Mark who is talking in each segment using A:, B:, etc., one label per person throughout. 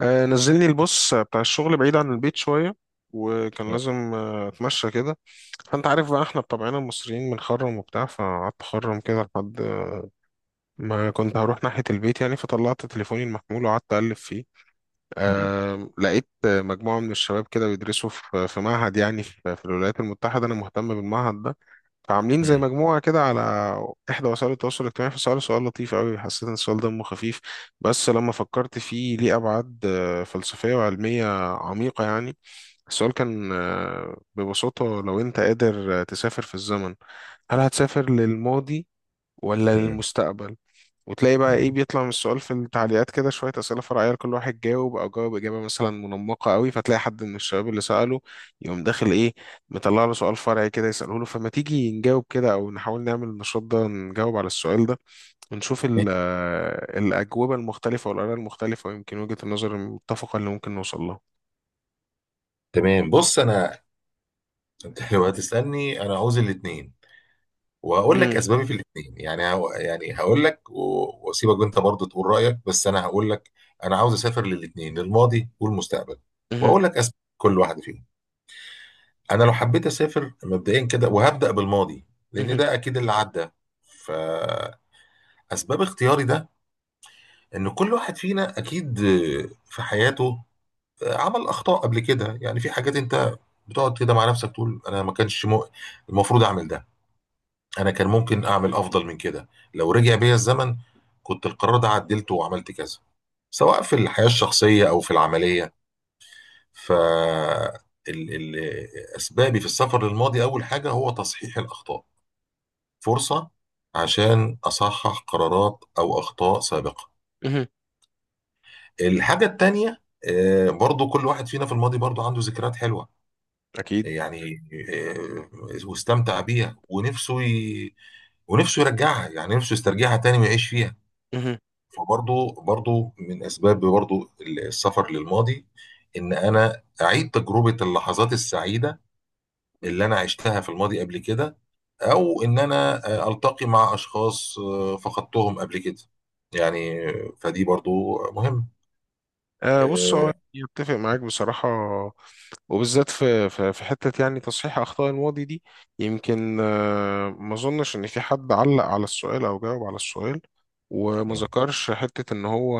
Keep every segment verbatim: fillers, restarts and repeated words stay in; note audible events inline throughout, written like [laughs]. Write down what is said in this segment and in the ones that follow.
A: آه، نزلني البص بتاع الشغل بعيد عن البيت شوية، وكان
B: مم.
A: لازم آه، اتمشى كده. فانت عارف بقى، احنا بطبعنا المصريين بنخرم وبتاع، فقعدت اخرم كده لحد ما كنت هروح ناحية البيت يعني، فطلعت تليفوني المحمول وقعدت اقلب فيه.
B: مم.
A: آه، لقيت آه، مجموعة من الشباب كده بيدرسوا في في معهد، يعني في في الولايات المتحدة، انا مهتم بالمعهد ده. فعاملين زي مجموعة كده على إحدى وسائل التواصل الاجتماعي، فسألوا سؤال لطيف أوي، حسيت إن السؤال دمه خفيف، بس لما فكرت فيه ليه أبعاد آه، فلسفية وعلمية عميقة يعني. السؤال كان آه، ببساطة، لو أنت قادر آه، تسافر في الزمن، هل هتسافر للماضي ولا
B: مم.
A: للمستقبل؟ وتلاقي بقى
B: مم.
A: ايه بيطلع من السؤال في التعليقات، كده شوية أسئلة فرعية لكل واحد جاوب، أو جاوب إجابة مثلا منمقة قوي، فتلاقي حد من الشباب اللي سأله يقوم داخل ايه مطلع له سؤال فرعي كده يسأله له. فما تيجي نجاوب كده، أو نحاول نعمل النشاط ده، نجاوب على السؤال ده ونشوف ال- آه، الأجوبة المختلفة والآراء المختلفة، ويمكن وجهة النظر المتفقة اللي ممكن نوصل لها.
B: تمام. بص، انا [laughs] انت لو هتسالني، انا عاوز الاثنين. وهقول لك
A: مم.
B: اسبابي في الاثنين، يعني هو- يعني هقول لك و- واسيبك انت برضه تقول رايك، بس انا هقول لك. انا عاوز اسافر للاثنين، للماضي والمستقبل،
A: مهم.
B: واقول لك اسباب كل واحده فيهم. انا لو حبيت اسافر مبدئيا كده، وهبدا بالماضي لان
A: مهم.
B: ده اكيد اللي عدى. فاسباب اختياري ده، ان كل واحد فينا اكيد في حياته عمل اخطاء قبل كده، يعني في حاجات انت بتقعد كده مع نفسك تقول انا ما كانش مو... المفروض اعمل ده. انا كان ممكن اعمل افضل من كده، لو رجع بيا الزمن كنت القرار ده عدلته وعملت كذا، سواء في الحياة الشخصية او في العملية. ف ال... ال... اسبابي في السفر للماضي، اول حاجة هو تصحيح الاخطاء، فرصة عشان اصحح قرارات او اخطاء سابقة.
A: مهم.
B: الحاجة التانية، آه، برضو كل واحد فينا في الماضي برضو عنده ذكريات حلوة،
A: أكيد.
B: يعني آه، واستمتع بيها، ونفسه ي... ونفسه يرجعها، يعني نفسه يسترجعها تاني ويعيش فيها.
A: مهم.
B: فبرضه برضه من اسباب برضه السفر للماضي، ان انا اعيد تجربه اللحظات السعيده اللي انا عشتها في الماضي قبل كده، او ان انا آه، التقي مع اشخاص آه، فقدتهم قبل كده، يعني آه، فدي برضه مهم.
A: آه، بص، هو
B: آه،
A: أنا أتفق معاك بصراحة، وبالذات في في في حتة يعني تصحيح أخطاء الماضي دي. يمكن آه، ما أظنش إن في حد علق على السؤال أو جاوب على السؤال وما ذكرش حتة إن هو.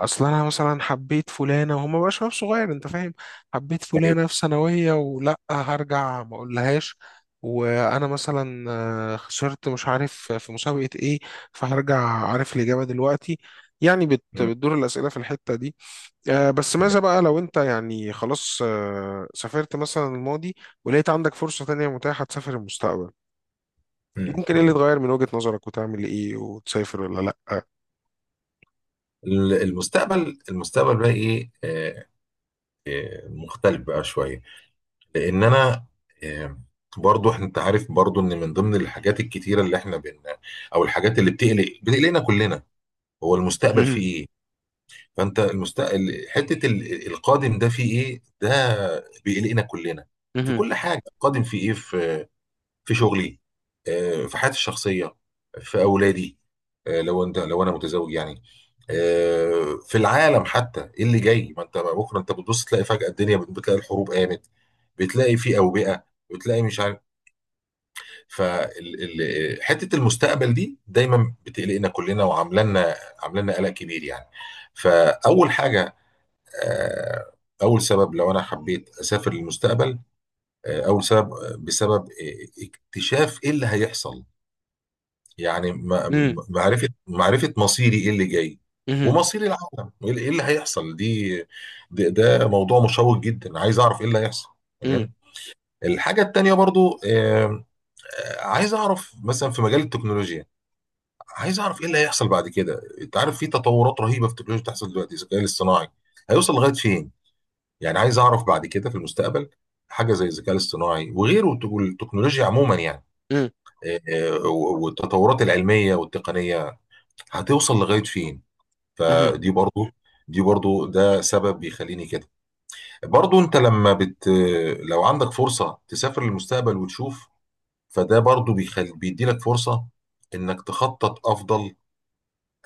A: أصل أنا مثلا حبيت فلانة، وهو ما بقى شباب صغير، أنت فاهم، حبيت
B: أيوة.
A: فلانة في ثانوية ولأ هرجع ما أقولهاش. وأنا مثلا آه، خسرت مش عارف في مسابقة إيه، فهرجع عارف الإجابة دلوقتي، يعني بت-
B: مم.
A: بتدور الأسئلة في الحتة دي. آه، بس ماذا بقى لو انت، يعني خلاص آه، سافرت مثلا الماضي ولقيت عندك فرصة تانية متاحة تسافر المستقبل، ممكن ايه اللي
B: مم.
A: يتغير من وجهة نظرك؟ وتعمل ايه؟ وتسافر ولا لأ؟
B: ال- المستقبل، المستقبل بقى ايه، آه، مختلف بقى شويه، لان انا آه، برضو إحنا- انت عارف، برضو ان من ضمن الحاجات الكتيره اللي احنا بن او الحاجات اللي بتقلق بتقلقنا كلنا، هو
A: [laughs]
B: المستقبل
A: مهم.
B: فيه ايه. فانت المستقبل، حته ال- القادم ده فيه ايه، ده بيقلقنا كلنا. في
A: مهم.
B: كل حاجه القادم فيه ايه، في في شغلي، آه، في حياتي الشخصيه، في اولادي، آه، لو انت لو انا متزوج يعني، آه، في العالم حتى، ايه اللي جاي؟ ما انت بكره انت بتبص تلاقي فجأة الدنيا، بت- بتلاقي الحروب قامت، بتلاقي في أوبئة، بتلاقي مش عارف. فحتة المستقبل دي دايما بتقلقنا كلنا، وعاملانا عاملانا قلق كبير يعني. فأول حاجة، آه، أول سبب لو أنا حبيت أسافر للمستقبل، آه، أول سبب آه، بسبب آه، اكتشاف إيه اللي هيحصل، يعني ما-
A: مم.
B: ما- معرفة معرفة مصيري ايه اللي جاي،
A: مهم.
B: ومصير العالم، وايه اللي إيه اللي هيحصل دي. ده, ده موضوع مشوق جدا، عايز اعرف ايه اللي هيحصل.
A: مم.
B: تمام. الحاجة التانية برضو، آم، آه، عايز اعرف مثلا في مجال التكنولوجيا، عايز اعرف ايه اللي هيحصل بعد كده. انت عارف في تطورات رهيبة في التكنولوجيا بتحصل دلوقتي، الذكاء الاصطناعي هيوصل لغاية فين؟ يعني عايز اعرف بعد كده في المستقبل، حاجة زي الذكاء الاصطناعي وغيره والتكنولوجيا عموما يعني.
A: مم.
B: آه، آه، والتطورات العلمية والتقنية هتوصل لغاية فين؟
A: مهم.
B: فدي برضو دي برضو ده سبب بيخليني كده. برضو انت لما بت لو عندك فرصة تسافر للمستقبل وتشوف، فده برضو بيخل... بيديلك فرصة انك تخطط افضل،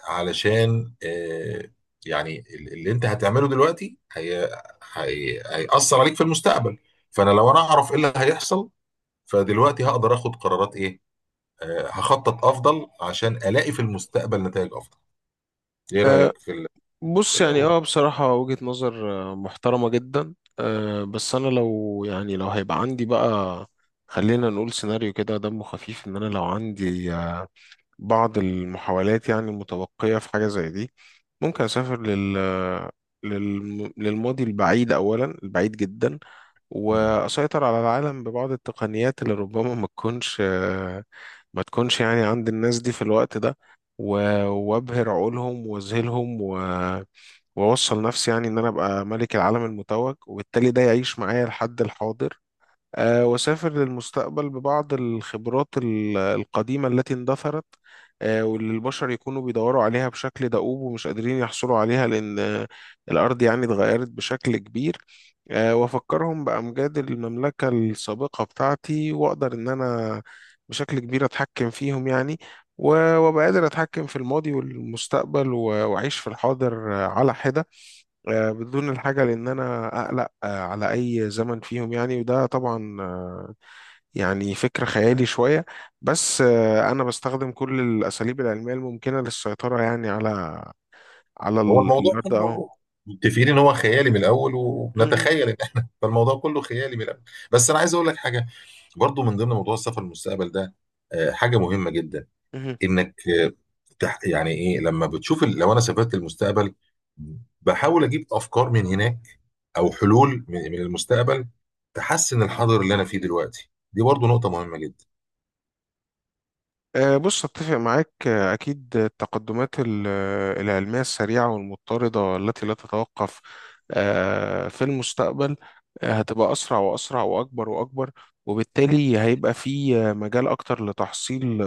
B: علشان آه يعني ال- اللي انت هتعمله دلوقتي هي... هي... هيأثر عليك في المستقبل. فانا لو انا اعرف ايه اللي هيحصل، فدلوقتي هقدر اخد قرارات ايه، آه هخطط افضل عشان الاقي في المستقبل نتائج افضل. ايه رأيك في اللي
A: بص
B: اللي
A: يعني
B: انا
A: اه بصراحة وجهة نظر آه، محترمة جدا. آه، بس انا لو، يعني لو هيبقى عندي بقى، خلينا نقول سيناريو كده دمه خفيف، ان انا لو عندي بعض المحاولات يعني المتبقية في حاجة زي دي، ممكن أسافر لل للم- للماضي البعيد أولا، البعيد جدا.
B: بقوله؟
A: وأسيطر على العالم ببعض التقنيات اللي ربما ما تكونش ما تكونش يعني عند الناس دي في الوقت ده. و- وأبهر عقولهم وأذهلهم و وأوصل نفسي، يعني إن أنا أبقى ملك العالم المتوج، وبالتالي ده يعيش معايا لحد الحاضر. آه، وسافر للمستقبل ببعض الخبرات ال- القديمة التي اندثرت. آه، واللي البشر يكونوا بيدوروا عليها بشكل دؤوب ومش قادرين يحصلوا عليها، لأن آه، الأرض يعني اتغيرت بشكل كبير. آه، وأفكرهم بأمجاد المملكة السابقة بتاعتي، وأقدر إن أنا بشكل كبير أتحكم فيهم يعني. و- وأبقى قادر أتحكم في الماضي والمستقبل و- وأعيش في الحاضر آه، على حدة، آه، بدون الحاجة لأن أنا أقلق آه، على أي زمن فيهم يعني. وده طبعا يعني فكرة خيالي شوية، بس آه، أنا بستخدم كل الأساليب العلمية الممكنة للسيطرة يعني على على
B: هو
A: ال-
B: الموضوع
A: الأرض أهو.
B: كله، متفقين ان هو خيالي من الاول
A: م- م-
B: ونتخيل ان احنا [laughs] فالموضوع كله خيالي من الاول. بس انا عايز اقول لك حاجه، برضو من ضمن موضوع السفر للمستقبل ده، آه، حاجه مهمه جدا،
A: مهم.
B: انك آه، تح- يعني ايه لما بتشوف ال- لو انا سافرت للمستقبل بحاول اجيب افكار من هناك، او حلول من من المستقبل، تحسن الحاضر اللي انا فيه دلوقتي، دي برضو نقطه مهمه جدا.
A: آه، بص أتفق معاك. آه، أكيد التقدمات ال- آه، العلمية السريعة والمضطردة التي لا تتوقف آه، في المستقبل آه، هتبقى أسرع وأسرع وأكبر وأكبر. وبالتالي هيبقى في آه، مجال أكتر لتحصيل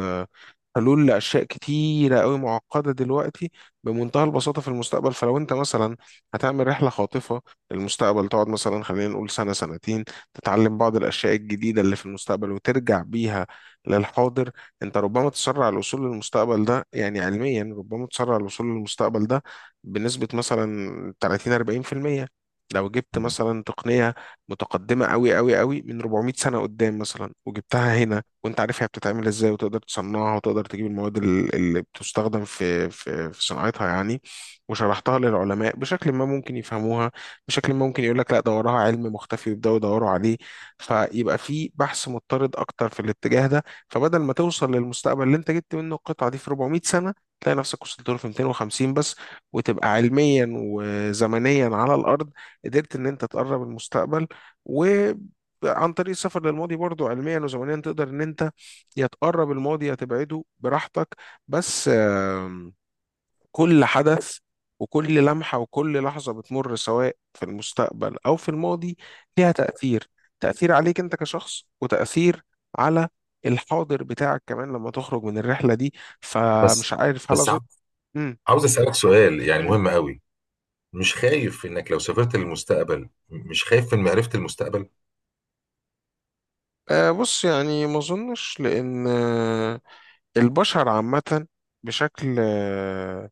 A: حلول لأشياء كتيرة قوي معقدة دلوقتي، بمنتهى البساطة في المستقبل. فلو أنت مثلا هتعمل رحلة خاطفة للمستقبل، تقعد مثلا خلينا نقول سنة سنتين، تتعلم بعض الأشياء الجديدة اللي في المستقبل وترجع بيها للحاضر. أنت ربما تسرع الوصول للمستقبل ده، يعني علميا ربما تسرع الوصول للمستقبل ده بنسبة مثلا تلاتين أربعين في المية. لو جبت
B: مم.
A: مثلا تقنية متقدمة قوي قوي قوي من أربعمائة سنة قدام مثلا وجبتها هنا، وانت عارف هي بتتعمل ازاي وتقدر تصنعها وتقدر تجيب المواد ال- اللي بتستخدم في في في صناعتها يعني. وشرحتها للعلماء بشكل ما ممكن يفهموها، بشكل ما ممكن يقول لك لا ده وراها علم مختفي ويبداوا يدوروا عليه، فيبقى في بحث مضطرد اكتر في الاتجاه ده. فبدل ما توصل للمستقبل اللي انت جبت منه القطعه دي في أربعمائة سنه، تلاقي نفسك وصلت له في ميتين وخمسين بس، وتبقى علميا وزمنيا على الارض قدرت ان انت تقرب المستقبل. عن طريق السفر للماضي برضو، علميا وزمنيا تقدر ان انت يا تقرب الماضي يا تبعده براحتك. بس آم، كل حدث وكل لمحة وكل لحظة بتمر سواء في المستقبل أو في الماضي ليها تأثير، تأثير عليك أنت كشخص، وتأثير على الحاضر بتاعك كمان لما تخرج من الرحلة دي.
B: بس
A: فمش عارف، هل
B: بس ع-
A: أظن. مم.
B: عاوز اسالك سؤال يعني
A: مم.
B: مهم قوي. مش خايف انك لو سافرت للمستقبل، مش خايف من معرفة المستقبل؟
A: آه، بص يعني ما أظنش، لأن آه، البشر عامة بشكل آه،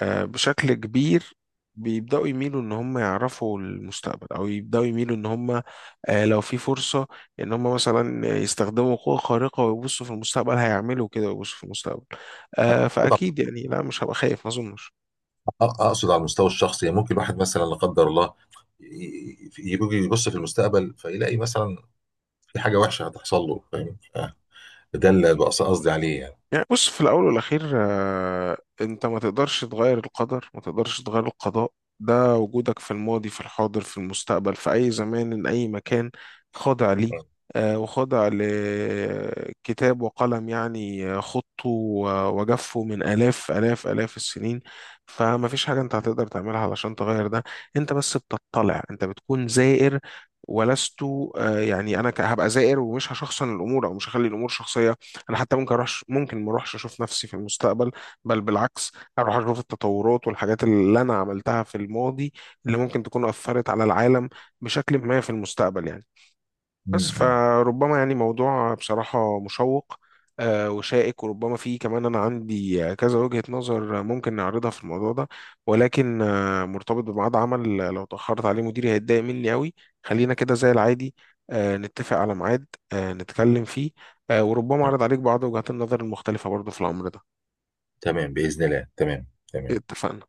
A: آه، بشكل كبير بيبدأوا يميلوا ان هم يعرفوا المستقبل، او يبدأوا يميلوا ان هم، آه، لو في فرصة ان هم مثلا يستخدموا قوة خارقة ويبصوا في المستقبل، هيعملوا كده ويبصوا في المستقبل. آه، فأكيد يعني لا، مش هبقى خايف ما اظنش.
B: أ- اقصد على المستوى الشخصي، يعني ممكن الواحد مثلا لا قدر الله ي- يجي يبص في المستقبل فيلاقي مثلا في حاجة وحشة هتحصل له، فاهم؟ آه، ده اللي بقص- قصدي عليه يعني.
A: يعني بص في الأول والأخير، آه، أنت ما تقدرش تغير القدر، ما تقدرش تغير القضاء، ده وجودك في الماضي، في الحاضر، في المستقبل، في أي زمان أي مكان خاضع ليه.
B: آه.
A: آه، وخاضع لكتاب وقلم، يعني آه، خطه و- وجفه من آلاف آلاف آلاف السنين. فما فيش حاجة أنت هتقدر تعملها علشان تغير ده، أنت بس بتطلع، أنت بتكون زائر ولست. آه، يعني أنا ك- هبقى زائر، ومش هشخصن الأمور أو مش هخلي الأمور شخصية. انا حتى ممكن اروح ممكن ما اروحش اشوف نفسي في المستقبل، بل بالعكس، هروح اشوف التطورات والحاجات اللي انا عملتها في الماضي اللي ممكن تكون اثرت على العالم بشكل ما في المستقبل يعني.
B: م-
A: بس
B: م.
A: فربما، يعني موضوع بصراحة مشوق آه، وشائك، وربما فيه كمان أنا عندي كذا وجهة نظر ممكن نعرضها في الموضوع ده. ولكن آه، مرتبط بميعاد عمل، لو تأخرت عليه مديري هيتضايق مني قوي. خلينا كده زي العادي، آه، نتفق على ميعاد، آه، نتكلم فيه، آه، وربما أعرض عليك بعض وجهات النظر المختلفة برضو في الأمر ده.
B: تمام، بإذن الله، تمام، تمام.
A: اتفقنا.